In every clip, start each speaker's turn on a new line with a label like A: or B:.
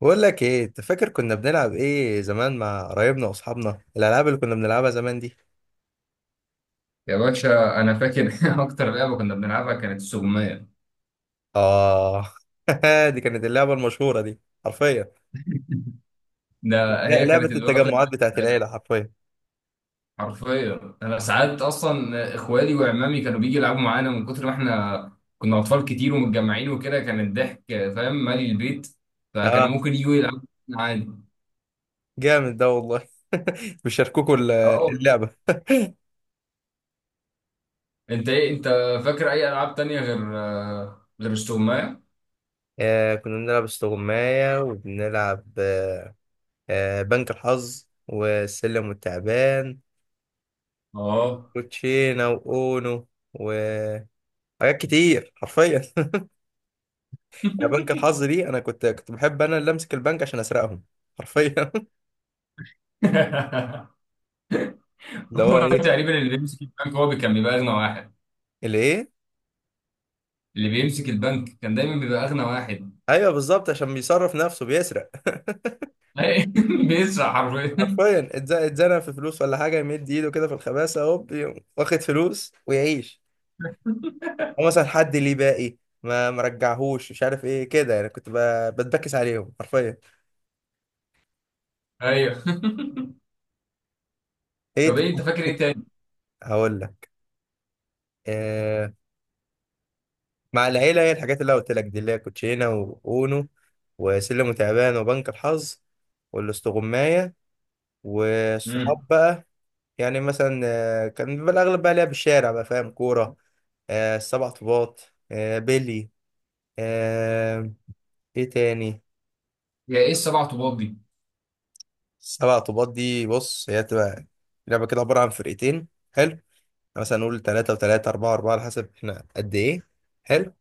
A: بقول لك ايه انت فاكر كنا بنلعب ايه زمان مع قرايبنا واصحابنا الالعاب اللي كنا بنلعبها زمان دي.
B: يا باشا انا فاكر. اكتر لعبه كنا بنلعبها كانت السجمية.
A: اه. دي كانت اللعبه المشهوره دي حرفيا.
B: ده هي
A: لعبه
B: كانت الوكله
A: التجمعات بتاعت
B: بتاعتنا.
A: العيله حرفيا.
B: حرفيا انا ساعات اصلا اخوالي وعمامي كانوا بيجي يلعبوا معانا من كتر ما احنا كنا اطفال كتير ومتجمعين وكده، كان الضحك فاهم مالي البيت، فكانوا
A: اه،
B: ممكن يجوا يلعبوا معانا عادي.
A: جامد ده والله. بيشاركوكوا
B: اه والله.
A: اللعبه.
B: انت ايه، انت فاكر اي العاب تانية غير السجمية؟
A: كنا بنلعب استغماية، وبنلعب بنك الحظ والسلم والتعبان
B: اه.
A: وتشينا واونو وحاجات كتير حرفيا. يا بنك الحظ دي، انا كنت بحب انا اللي امسك البنك عشان اسرقهم حرفيا. اللي هو
B: هو
A: ايه؟
B: تقريبا اللي بيمسك البنك هو كان بيبقى اغنى واحد.
A: اللي ايه؟
B: اللي بيمسك البنك كان دايما بيبقى اغنى واحد.
A: ايوه بالظبط، عشان بيصرف نفسه بيسرق.
B: بيسرق حرفيا.
A: حرفيا اتزنق في فلوس ولا حاجه، يمد ايده كده في الخباثه، هوب يقوم واخد فلوس ويعيش. او مثلا حد ليه باقي ما مرجعهوش، مش عارف ايه كده يعني، كنت بتبكس عليهم حرفيا.
B: ايوه.
A: ايه
B: طب ايه انت فاكر ايه تاني؟
A: هقول لك. آه، مع العيله هي الحاجات اللي أنا قلت لك دي، اللي هي كوتشينه واونو وسلم وتعبان وبنك الحظ والاستغمايه.
B: امم.
A: والصحاب بقى يعني مثلا، كان بيبقى الأغلب بقى لعب الشارع، بقى فاهم؟ كورة، السبع طوبات، بيلي، آه، إيه تاني؟
B: يا ايه السبع طوبات دي؟
A: السبع طوبات دي بص هي بتبقى لعبة كده عبارة عن فرقتين. حلو. مثلا نقول تلاتة وتلاتة، أربعة أربعة، على حسب إحنا قد إيه. حلو.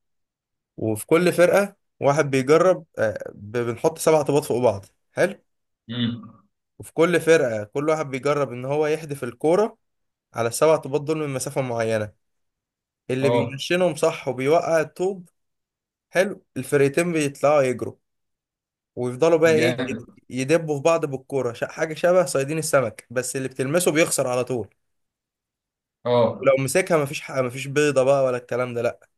A: وفي كل فرقة واحد بيجرب، بنحط سبع طوبات فوق بعض. حلو.
B: امم.
A: وفي كل فرقة كل واحد بيجرب إن هو يحدف الكورة على السبع طوبات دول من مسافة معينة. اللي
B: اه.
A: بينشنهم صح، وبيوقع الطوب. حلو، الفرقتين بيطلعوا يجروا ويفضلوا بقى ايه،
B: جامد.
A: يدبوا في بعض بالكوره، حاجه شبه صيادين السمك، بس اللي بتلمسه بيخسر على طول.
B: اه.
A: ولو مسكها مفيش حق، مفيش بيضه بقى ولا الكلام ده، لا.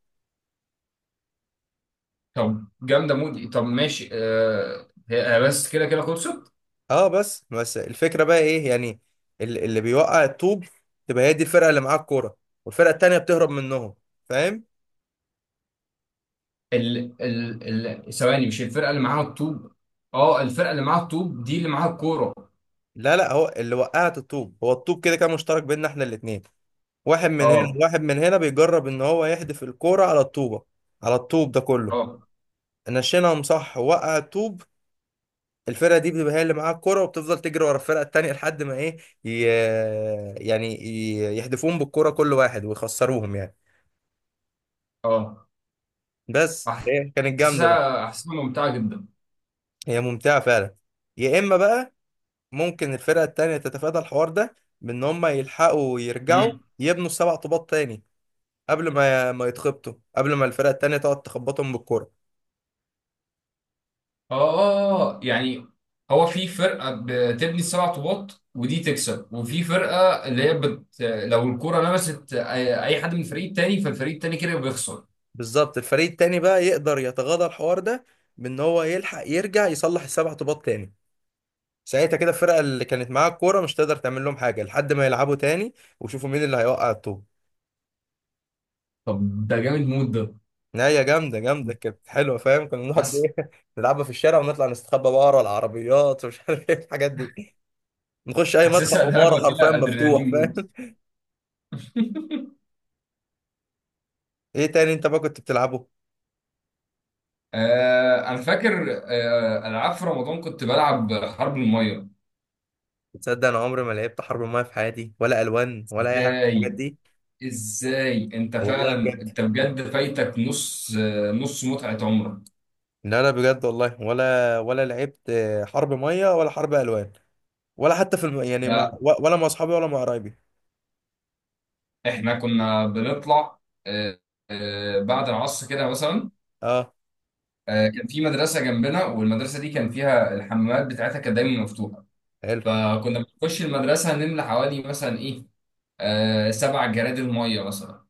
B: طب جامده مود. طب ماشي. هي، بس كده كده خلصت.
A: اه، بس بس الفكره بقى ايه يعني، اللي بيوقع الطوب تبقى هي دي الفرقه اللي معاها الكوره، والفرقه التانيه بتهرب منهم، فاهم؟
B: ال ال ال ثواني مش الفرقه اللي معاها الطوب؟ اه الفرقه اللي معاها الطوب دي اللي معاها الكوره.
A: لا لا، هو اللي وقعت الطوب، هو الطوب كده كان مشترك بيننا احنا الاتنين، واحد من هنا
B: اه.
A: واحد من هنا بيجرب ان هو يحدف الكوره على الطوبه، على الطوب ده كله.
B: اه.
A: نشينهم صح وقع الطوب، الفرقه دي بتبقى هي اللي معاها الكوره، وبتفضل تجري ورا الفرقه التانيه لحد ما ايه، ي... آه، يعني ي... يحدفوهم بالكوره كل واحد ويخسروهم يعني.
B: اه.
A: بس هي كانت جامده بقى.
B: احسها ممتعه جدا.
A: هي ممتعه فعلا. يا اما بقى ممكن الفرقه التانيه تتفادى الحوار ده، بان هم يلحقوا يرجعوا يبنوا سبع طوبات تاني، قبل ما يتخبطوا، قبل ما الفرقه التانيه تقعد تخبطهم بالكوره.
B: اه يعني هو في فرقه بتبني سبع طوبات ودي تكسب، وفي فرقه اللي هي لو الكره لمست اي أي حد من الفريق التاني فالفريق التاني كده بيخسر.
A: بالظبط، الفريق التاني بقى يقدر يتغاضى الحوار ده، بان هو يلحق يرجع يصلح السبع طوبات تاني. ساعتها كده الفرقه اللي كانت معاها الكوره مش تقدر تعمل لهم حاجه، لحد ما يلعبوا تاني ويشوفوا مين اللي هيوقع الطوب.
B: طب ده جامد مود ده.
A: نهايه جامده، جامده كانت حلوه، فاهم؟ كنا نقعد
B: حاسس.
A: ايه نلعبها في الشارع، ونطلع نستخبى بقى ورا العربيات، ومش عارف ايه الحاجات دي. نخش اي مدخل
B: حاسسها لعبه
A: عماره حرفيا
B: فيها
A: مفتوح،
B: ادرينالين
A: فاهم؟
B: مود.
A: ايه تاني انت بقى كنت بتلعبه؟
B: انا فاكر العاب في رمضان كنت بلعب حرب الميه.
A: تصدق انا عمري ما لعبت حرب المايه في حياتي، ولا الوان، ولا اي حاجه من
B: ازاي
A: الحاجات دي.
B: ازاي انت
A: والله
B: فعلا،
A: بجد،
B: انت بجد فايتك نص نص متعه عمرك.
A: لا لا بجد والله، ولا ولا لعبت حرب ميه ولا حرب الوان، ولا حتى في الم... يعني ما...
B: ده
A: ولا مع اصحابي ولا مع قرايبي.
B: احنا كنا بنطلع آه، بعد العصر كده مثلا.
A: اه.
B: كان في مدرسه جنبنا، والمدرسه دي كان فيها الحمامات بتاعتها كانت دايما مفتوحه.
A: حلو.
B: فكنا بنخش المدرسه نملى حوالي مثلا ايه، سبع جرادل ميه مثلا.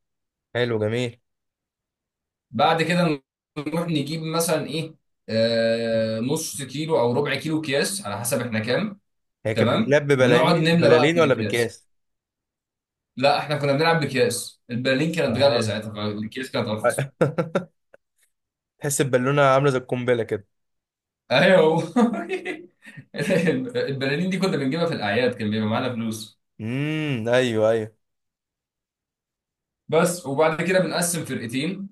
A: حلو جميل.
B: بعد كده نروح نجيب مثلا ايه، نص كيلو او ربع كيلو اكياس على حسب احنا كام.
A: هي كانت
B: تمام.
A: بتتلعب
B: ونقعد
A: ببلالين،
B: نملى بقى
A: بلالين
B: في
A: ولا
B: الاكياس.
A: بكاس؟
B: لا، احنا كنا بنلعب باكياس، البرلين كانت غاليه
A: اه.
B: ساعتها فالاكياس كانت ارخص.
A: تحس البالونه عامله زي القنبله كده.
B: ايوه. هو البلالين دي كنا بنجيبها في الاعياد كان بيبقى معانا فلوس
A: ايوه ايوه.
B: بس. وبعد كده بنقسم فرقتين،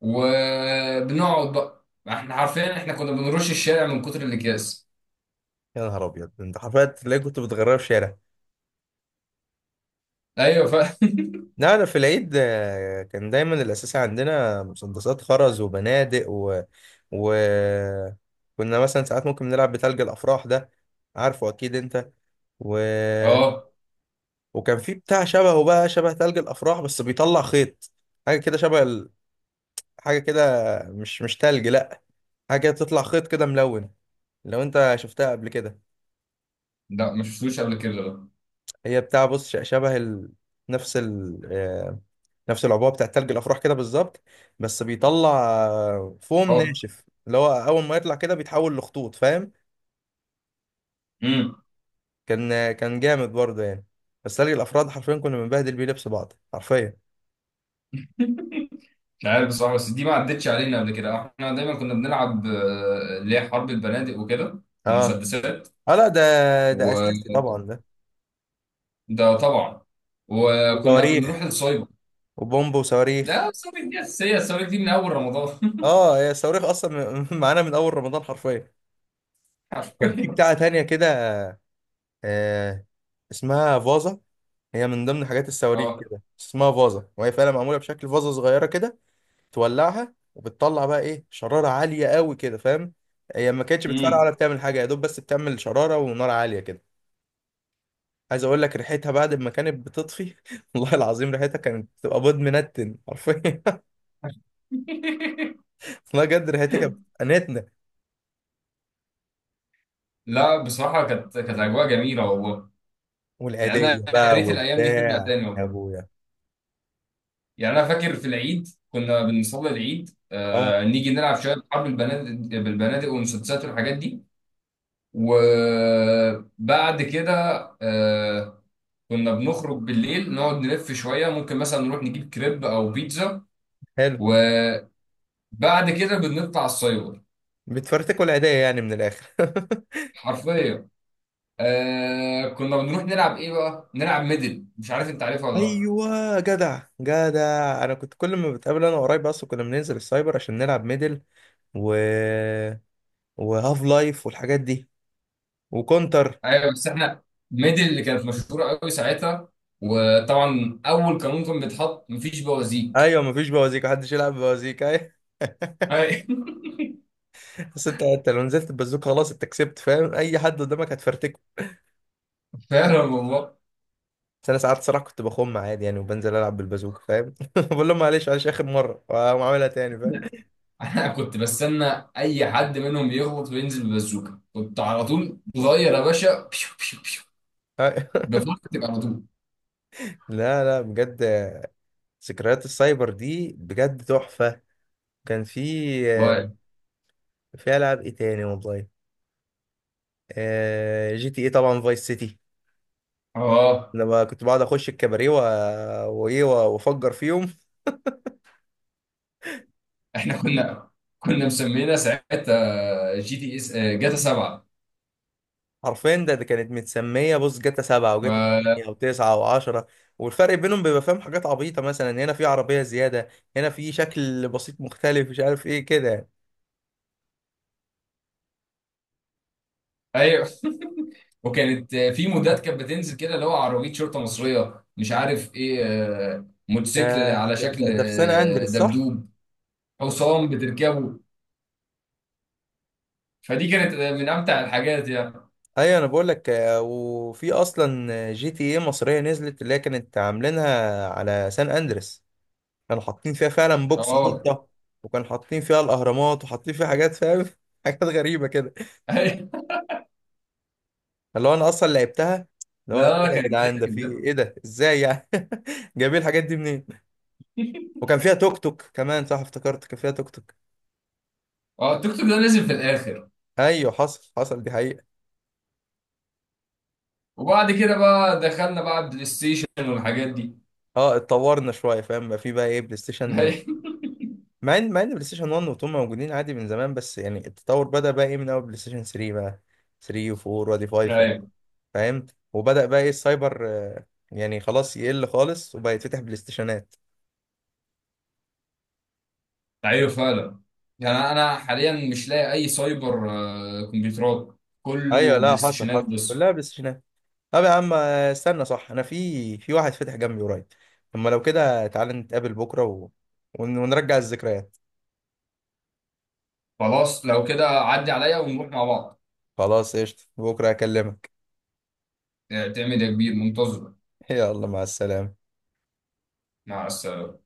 B: وبنقعد بقى احنا حرفيا، احنا كنا بنرش الشارع من كتر الاكياس.
A: يا نهار ابيض، انت حرفيا تلاقي كنت بتغرقها في شارع.
B: ايوه
A: لا أنا في العيد كان دايما الأساس عندنا مسدسات خرز وبنادق و... كنا مثلا ساعات ممكن نلعب بتلج الأفراح ده، عارفه أكيد أنت. و...
B: اه
A: وكان في بتاع شبهه بقى، شبه تلج الأفراح بس بيطلع خيط. حاجة كده شبه حاجة كده، مش مش تلج، لأ، حاجة كده بتطلع خيط كده ملون، لو أنت شفتها قبل كده.
B: لا ما شفتوش قبل كده ده.
A: هي بتاع بص شبه ال... نفس ال... آه، نفس العبوه بتاع تلج الافراح كده بالظبط، بس بيطلع فوم
B: اه.
A: ناشف، اللي هو اول ما يطلع كده بيتحول لخطوط، فاهم؟
B: امم.
A: كان كان جامد برضه يعني. بس تلج الافراد حرفيا كنا بنبهدل بيه لبس بعض حرفيا.
B: مش عارف بصراحه، بس دي ما عدتش علينا قبل كده. احنا دايما كنا بنلعب اللي هي حرب البنادق وكده
A: اه.
B: ومسدسات.
A: اه لا ده، ده اساسي طبعا
B: وده
A: ده.
B: طبعا. وكنا بنروح
A: وصواريخ،
B: السايبر.
A: وبومب وصواريخ.
B: ده ثوابت، دي أساسية. الثوابت دي من أول رمضان.
A: اه، هي الصواريخ اصلا معانا من اول رمضان حرفيا. كان في
B: حرفيا.
A: بتاعه تانية كده، آه، اسمها فازا. هي من ضمن حاجات الصواريخ
B: أه.
A: كده، اسمها فازة، وهي فعلا معمولة بشكل فازة صغيرة كده. تولعها وبتطلع بقى ايه، شرارة عالية قوي كده، فاهم؟ هي ما كانتش بتفرقع
B: أمم.
A: ولا بتعمل حاجة، يا دوب بس بتعمل شرارة ونار عالية كده. عايز اقول لك، ريحتها بعد ما كانت بتطفي والله العظيم ريحتها كانت بتبقى بيض منتن حرفيا. والله بجد ريحتها كانت بتنتنة.
B: لا، بصراحة كانت أجواء جميلة والله. يعني
A: والعيدية
B: أنا يا
A: بقى
B: ريت الأيام دي ترجع
A: وبتاع،
B: تاني
A: يا
B: والله.
A: ابويا!
B: يعني أنا فاكر في العيد كنا بنصلي العيد،
A: اه،
B: نيجي نلعب شوية حرب البنادق، بالبنادق والمسدسات والحاجات دي. وبعد كده آه كنا بنخرج بالليل، نقعد نلف شوية، ممكن مثلا نروح نجيب كريب أو بيتزا.
A: حلو.
B: وبعد كده بنطلع السايبر.
A: بتفرتكوا العيدية يعني من الاخر.
B: حرفيا. كنا بنروح نلعب ايه بقى؟ نلعب ميدل، مش عارف انت عارفها ولا لا؟
A: ايوه جدع جدع، انا كنت كل ما بتقابل انا وقرايبي اصلا كنا بننزل السايبر عشان نلعب ميدل، و وهاف لايف والحاجات دي، وكونتر.
B: ايوه. بس احنا ميدل اللي كانت مشهوره قوي ساعتها، وطبعا اول قانون كان بيتحط مفيش بوازيك.
A: ايوه، مفيش بوازيك، محدش يلعب بوازيك، ايوه.
B: ايوه.
A: بس انت لو نزلت ببازوك خلاص انت كسبت، فاهم؟ اي حد قدامك هتفرتكه.
B: فعلا والله.
A: بس انا ساعات صراحه كنت بخم عادي يعني، وبنزل العب بالبازوكه، فاهم؟ بقول لهم معلش معلش اخر مره واقوم عاملها تاني، فاهم؟
B: انا كنت بستنى اي حد منهم يغلط وينزل ببازوكه كنت على طول، صغير يا باشا، بيو بيو بيو، بفكر تبقى على طول.
A: لا لا بجد، ذكريات السايبر دي بجد تحفه. كان في
B: والله.
A: في العاب ايه تاني والله. آه، جي تي ايه طبعا، فايس سيتي،
B: اه
A: لما كنت بقعد اخش الكباريه وايه وافجر فيهم
B: احنا كنا مسمينا ساعتها جي تي اس جاتا 7.
A: حرفيا. ده كانت متسميه بص، جاتا سبعة وجاتا
B: ف
A: تمانية وتسعة وعشرة. والفرق بينهم بيبقى فاهم حاجات عبيطه، مثلا هنا في عربيه زياده، هنا في شكل بسيط مختلف، مش عارف ايه كده يعني.
B: ايوه. وكانت في مودات كانت بتنزل كده اللي هو عربيه شرطه مصريه مش عارف ايه،
A: ده
B: موتوسيكل على
A: ده
B: شكل
A: ده, ده في سان اندريس صح؟
B: دبدوب، حصان بتركبه. فدي كانت من امتع الحاجات يعني.
A: ايوه انا بقول لك، وفي اصلا جي تي ايه مصريه نزلت، اللي هي كانت عاملينها على سان اندريس. كانوا حاطين فيها فعلا بوكس
B: اه.
A: شرطه، وكانوا حاطين فيها الاهرامات، وحاطين فيها حاجات، فاهم؟ حاجات غريبه كده. اللي هو انا اصلا لعبتها، اللي
B: لا
A: هو ايه
B: لا،
A: ده يا
B: كانت
A: جدعان؟ ده
B: ضحك
A: في
B: بجد.
A: ايه ده؟ ازاي يعني؟ جايبين الحاجات دي منين؟ وكان فيها توك توك كمان صح، افتكرت، كان فيها توك توك.
B: اه. التيك توك ده نزل في الاخر.
A: ايوه حصل حصل، دي حقيقه.
B: وبعد كده بقى دخلنا بقى بلاي ستيشن والحاجات دي.
A: اه، اتطورنا شويه، فاهم؟ بقى في بقى ايه، بلاي ستيشن. مع ان بلاي ستيشن 1 و2 موجودين عادي من زمان، بس يعني التطور بدأ بقى ايه من اول بلاي ستيشن 3 بقى، 3 و4 وادي 5 أهو،
B: ايوه
A: فاهم؟ وبدأ بقى ايه السايبر يعني خلاص يقل خالص، وبقى يتفتح بلاي ستيشنات.
B: ايوه فعلا. يعني انا حاليا مش لاقي اي سايبر، كمبيوترات
A: ايوه
B: كله
A: لا
B: بلاي
A: حصل
B: ستيشنات
A: حصل،
B: بس.
A: كلها بلاي ستيشنات. طب يا عم استنى صح، انا في واحد فتح جنبي قريب، اما لو كده تعالى نتقابل بكره ونرجع الذكريات.
B: خلاص لو كده عدي عليا ونروح مع بعض.
A: خلاص قشطة، بكره اكلمك.
B: تعمل يا كبير منتظر.
A: يلا مع السلامه.
B: مع السلامة.